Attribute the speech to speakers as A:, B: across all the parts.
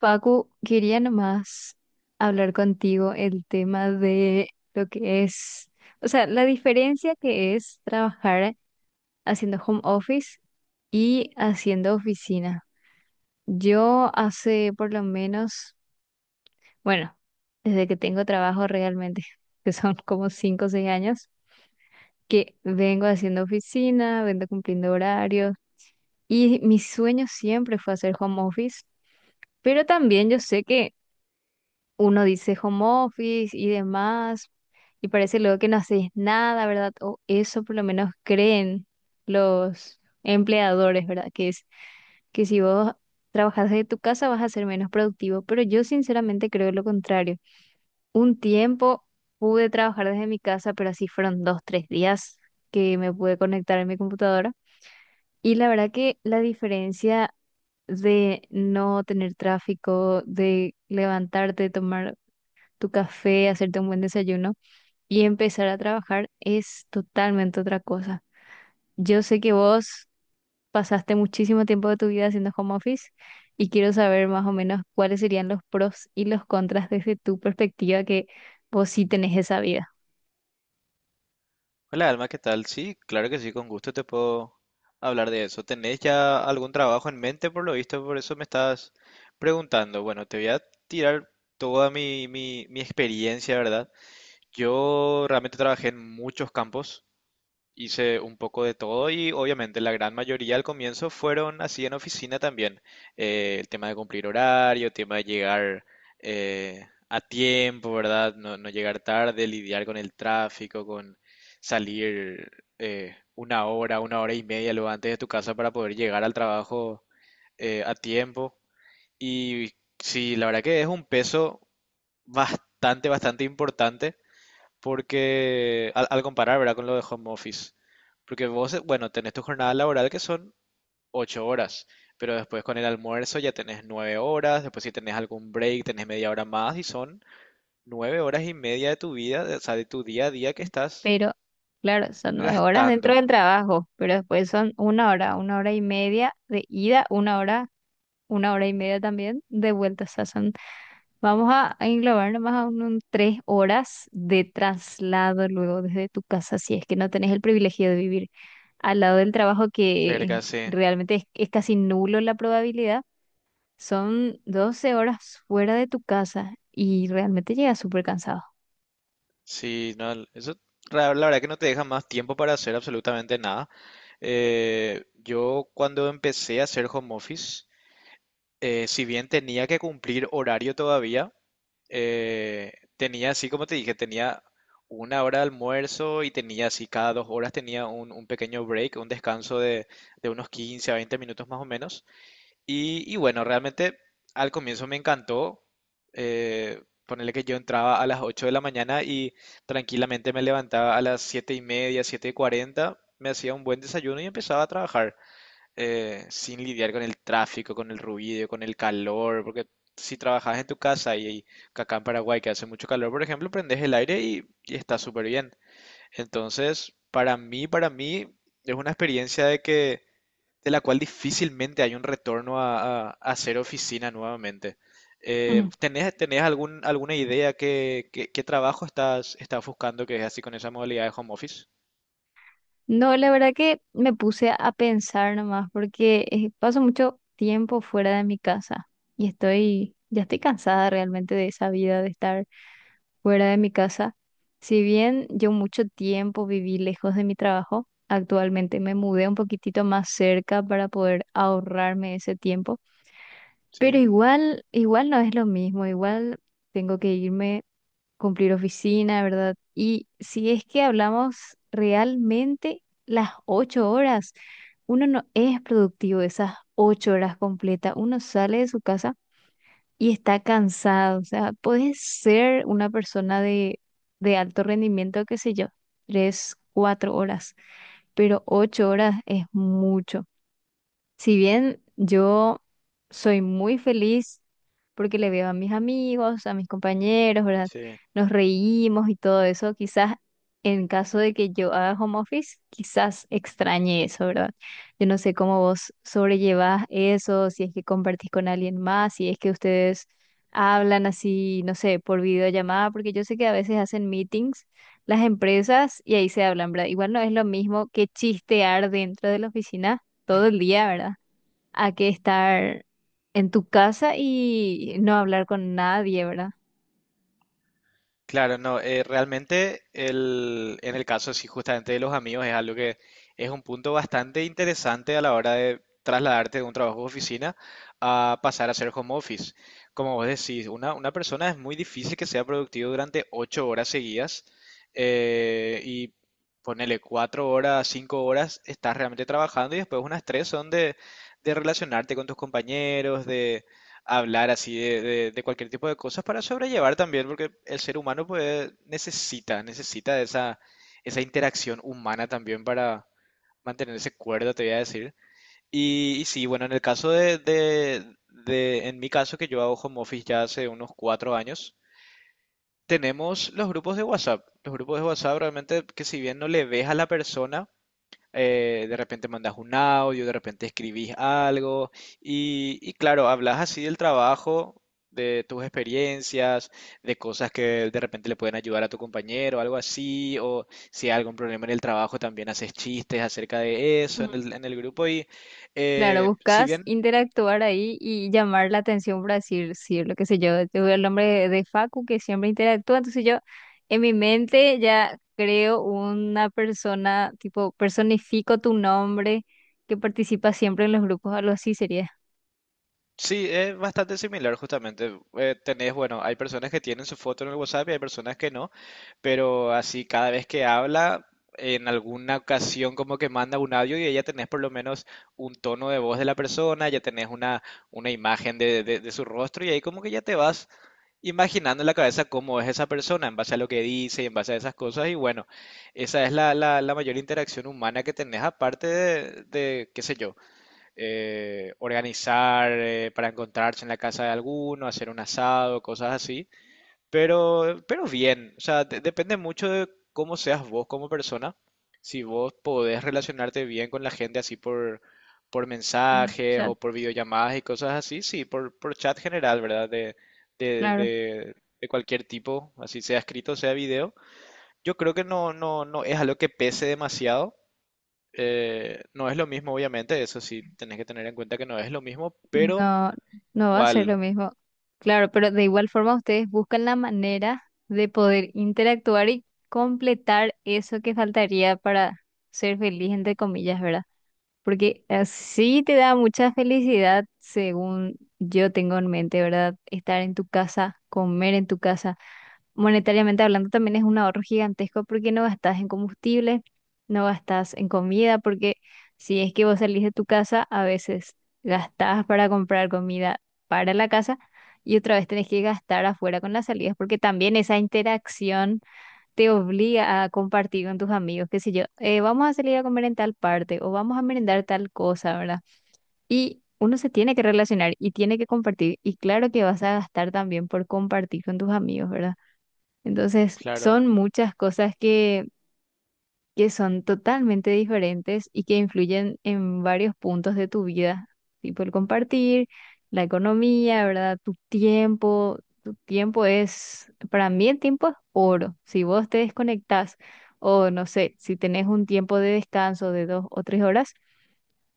A: Paco, quería nomás hablar contigo el tema de lo que es, o sea, la diferencia que es trabajar haciendo home office y haciendo oficina. Yo hace por lo menos, bueno, desde que tengo trabajo realmente, que son como 5 o 6 años, que vengo haciendo oficina, vengo cumpliendo horarios y mi sueño siempre fue hacer home office, pero también yo sé que uno dice home office y demás, y parece luego que no haces nada, ¿verdad? O eso por lo menos creen los empleadores, ¿verdad? Que es que si vos trabajas desde tu casa vas a ser menos productivo, pero yo sinceramente creo lo contrario. Un tiempo pude trabajar desde mi casa, pero así fueron dos, tres días que me pude conectar en mi computadora. Y la verdad que la diferencia de no tener tráfico, de levantarte, tomar tu café, hacerte un buen desayuno y empezar a trabajar es totalmente otra cosa. Yo sé que vos pasaste muchísimo tiempo de tu vida haciendo home office y quiero saber más o menos cuáles serían los pros y los contras desde tu perspectiva que vos sí tenés esa vida.
B: Hola Alma, ¿qué tal? Sí, claro que sí, con gusto te puedo hablar de eso. ¿Tenés ya algún trabajo en mente por lo visto? Por eso me estás preguntando. Bueno, te voy a tirar toda mi experiencia, ¿verdad? Yo realmente trabajé en muchos campos. Hice un poco de todo y obviamente la gran mayoría al comienzo fueron así en oficina también. El tema de cumplir horario, el tema de llegar a tiempo, ¿verdad? No, no llegar tarde, lidiar con el tráfico, con salir una hora y media luego antes de tu casa para poder llegar al trabajo a tiempo. Y sí, la verdad que es un peso bastante importante porque al comparar, ¿verdad? Con lo de home office. Porque vos, bueno, tenés tu jornada laboral que son 8 horas, pero después con el almuerzo ya tenés 9 horas, después si tenés algún break tenés media hora más y son 9 horas y media de tu vida, o sea, de tu día a día que estás
A: Pero claro, son 9 horas dentro
B: gastando.
A: del trabajo, pero después son 1 hora, una hora y media de ida, 1 hora, una hora y media también de vuelta. O sea, son. Vamos a englobar nomás a un 3 horas de traslado luego desde tu casa, si es que no tenés el privilegio de vivir al lado del trabajo, que
B: Cerca, sí.
A: realmente es casi nulo la probabilidad. Son 12 horas fuera de tu casa y realmente llegas súper cansado.
B: Sí, no, eso la verdad que no te deja más tiempo para hacer absolutamente nada. Yo cuando empecé a hacer home office, si bien tenía que cumplir horario todavía, eh, tenía así, como te dije, tenía 1 hora de almuerzo y tenía así, cada 2 horas tenía un pequeño break, un descanso de unos 15 a 20 minutos más o menos. Y bueno, realmente al comienzo me encantó. Ponerle que yo entraba a las 8 de la mañana y tranquilamente me levantaba a las 7 y media, 7 y 40, me hacía un buen desayuno y empezaba a trabajar sin lidiar con el tráfico, con el ruido, con el calor, porque si trabajas en tu casa y acá en Paraguay que hace mucho calor, por ejemplo, prendes el aire y está súper bien. Entonces, para mí es una experiencia de que de la cual difícilmente hay un retorno a, a hacer oficina nuevamente. Eh,
A: Ujú.
B: ¿tenés, tenés algún, alguna idea que, qué trabajo estás, estás buscando que es así con esa modalidad de home office?
A: No, la verdad que me puse a pensar nomás porque paso mucho tiempo fuera de mi casa y ya estoy cansada realmente de esa vida de estar fuera de mi casa. Si bien yo mucho tiempo viví lejos de mi trabajo, actualmente me mudé un poquitito más cerca para poder ahorrarme ese tiempo, pero
B: Sí,
A: igual, igual no es lo mismo, igual tengo que irme, cumplir oficina, ¿verdad? Y si es que hablamos realmente las 8 horas, uno no es productivo esas 8 horas completas, uno sale de su casa y está cansado. O sea, puedes ser una persona de alto rendimiento, qué sé yo, tres, cuatro horas, pero 8 horas es mucho. Si bien yo soy muy feliz porque le veo a mis amigos, a mis compañeros, ¿verdad?
B: sí.
A: Nos reímos y todo eso, quizás en caso de que yo haga home office, quizás extrañe eso, ¿verdad? Yo no sé cómo vos sobrellevás eso, si es que compartís con alguien más, si es que ustedes hablan así, no sé, por videollamada, porque yo sé que a veces hacen meetings las empresas y ahí se hablan, ¿verdad? Igual no es lo mismo que chistear dentro de la oficina todo el día, ¿verdad? A que estar en tu casa y no hablar con nadie, ¿verdad?
B: Claro, no, realmente el, en el caso sí, justamente de los amigos es algo que es un punto bastante interesante a la hora de trasladarte de un trabajo de oficina a pasar a ser home office. Como vos decís, una persona es muy difícil que sea productivo durante 8 horas seguidas y ponele 4 horas, 5 horas, estás realmente trabajando y después unas tres son de relacionarte con tus compañeros, hablar así de, de cualquier tipo de cosas para sobrellevar también, porque el ser humano pues necesita, necesita de esa, esa interacción humana también para mantenerse cuerdo, te voy a decir. Y sí, bueno, en el caso en mi caso que yo hago home office ya hace unos 4 años, tenemos los grupos de WhatsApp. Los grupos de WhatsApp realmente que si bien no le ves a la persona, de repente mandas un audio, de repente escribís algo y claro, hablas así del trabajo, de tus experiencias, de cosas que de repente le pueden ayudar a tu compañero, algo así, o si hay algún problema en el trabajo también haces chistes acerca de eso
A: Ujú.
B: en el grupo y
A: Claro,
B: si
A: buscas
B: bien
A: interactuar ahí y llamar la atención para decir, sí, lo que sé yo, te veo el nombre de Facu que siempre interactúa, entonces yo en mi mente ya creo una persona, tipo, personifico tu nombre que participa siempre en los grupos, algo así sería.
B: sí, es bastante similar justamente. Tenés, bueno, hay personas que tienen su foto en el WhatsApp y hay personas que no, pero así cada vez que habla, en alguna ocasión como que manda un audio y ya tenés por lo menos un tono de voz de la persona, ya tenés una imagen de, de su rostro y ahí como que ya te vas imaginando en la cabeza cómo es esa persona en base a lo que dice y en base a esas cosas y bueno, esa es la, la mayor interacción humana que tenés aparte de, qué sé yo organizar para encontrarse en la casa de alguno, hacer un asado, cosas así. Pero bien, o sea, depende mucho de cómo seas vos como persona. Si vos podés relacionarte bien con la gente así por
A: El
B: mensajes
A: chat,
B: o por videollamadas y cosas así, sí, por chat general, ¿verdad? De,
A: claro.
B: de, de cualquier tipo, así sea escrito, sea video. Yo creo que no, no, no es algo que pese demasiado. No es lo mismo, obviamente, eso sí, tenés que tener en cuenta que no es lo mismo, pero
A: No, no va a ser lo
B: igual,
A: mismo. Claro, pero de igual forma ustedes buscan la manera de poder interactuar y completar eso que faltaría para ser feliz, entre comillas, ¿verdad? Porque así te da mucha felicidad, según yo tengo en mente, ¿verdad? Estar en tu casa, comer en tu casa monetariamente hablando también es un ahorro gigantesco porque no gastas en combustible, no gastas en comida, porque si es que vos salís de tu casa, a veces gastás para comprar comida para la casa y otra vez tenés que gastar afuera con las salidas, porque también esa interacción te obliga a compartir con tus amigos, qué sé yo, vamos a salir a comer en tal parte o vamos a merendar tal cosa, ¿verdad? Y uno se tiene que relacionar y tiene que compartir y claro que vas a gastar también por compartir con tus amigos, ¿verdad? Entonces,
B: claro.
A: son muchas cosas que son totalmente diferentes y que influyen en varios puntos de tu vida, tipo el compartir, la economía, ¿verdad? Tu tiempo es, para mí el tiempo es oro. Si vos te desconectás o no sé, si tenés un tiempo de descanso de dos o 3 horas,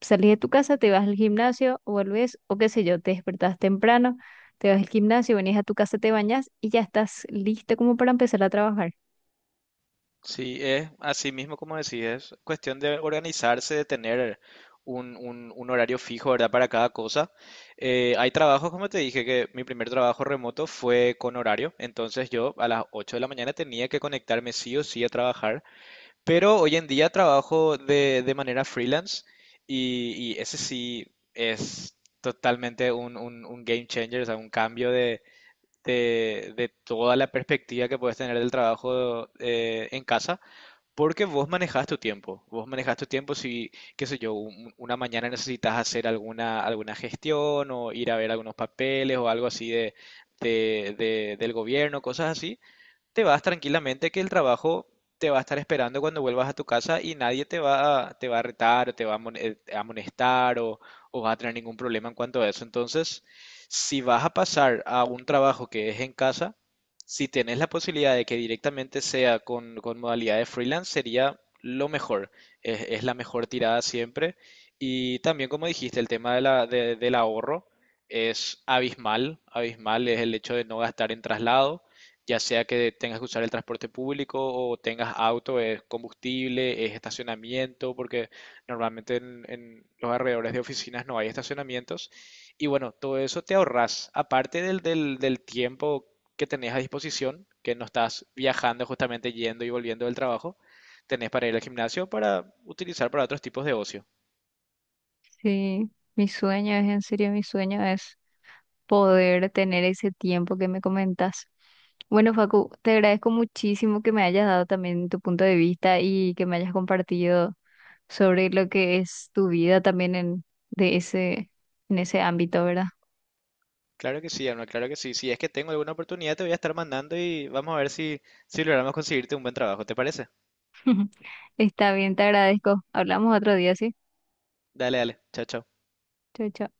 A: salís de tu casa, te vas al gimnasio, vuelves o qué sé yo, te despertás temprano, te vas al gimnasio, venís a tu casa, te bañas y ya estás listo como para empezar a trabajar.
B: Sí, es así mismo como decís, es cuestión de organizarse, de tener un, un horario fijo, ¿verdad? Para cada cosa. Hay trabajos, como te dije, que mi primer trabajo remoto fue con horario, entonces yo a las 8 de la mañana tenía que conectarme sí o sí a trabajar. Pero hoy en día trabajo de manera freelance y ese sí es totalmente un, un game changer, o sea, un cambio de, de toda la perspectiva que puedes tener del trabajo en casa, porque vos manejas tu tiempo, vos manejas tu tiempo si, qué sé yo, una mañana necesitas hacer alguna, alguna gestión o ir a ver algunos papeles o algo así de, del gobierno, cosas así te vas tranquilamente que el trabajo te va a estar esperando cuando vuelvas a tu casa y nadie te va a, te va a retar o te va a a amonestar o va a tener ningún problema en cuanto a eso. Entonces, si vas a pasar a un trabajo que es en casa, si tenés la posibilidad de que directamente sea con modalidad de freelance, sería lo mejor. Es la mejor tirada siempre. Y también, como dijiste, el tema de del ahorro es abismal. Abismal es el hecho de no gastar en traslado ya sea que tengas que usar el transporte público o tengas auto, es combustible, es estacionamiento, porque normalmente en los alrededores de oficinas no hay estacionamientos. Y bueno, todo eso te ahorras, aparte del tiempo que tenés a disposición, que no estás viajando justamente yendo y volviendo del trabajo, tenés para ir al gimnasio para utilizar para otros tipos de ocio.
A: Sí, mi sueño es, en serio, mi sueño es poder tener ese tiempo que me comentas. Bueno, Facu, te agradezco muchísimo que me hayas dado también tu punto de vista y que me hayas compartido sobre lo que es tu vida también en, de ese, en ese ámbito, ¿verdad?
B: Claro que sí, Alma, claro que sí. Si es que tengo alguna oportunidad, te voy a estar mandando y vamos a ver si, si logramos conseguirte un buen trabajo. ¿Te parece?
A: Está bien, te agradezco. Hablamos otro día, ¿sí?
B: Dale, dale. Chao, chao.
A: Chao, chao.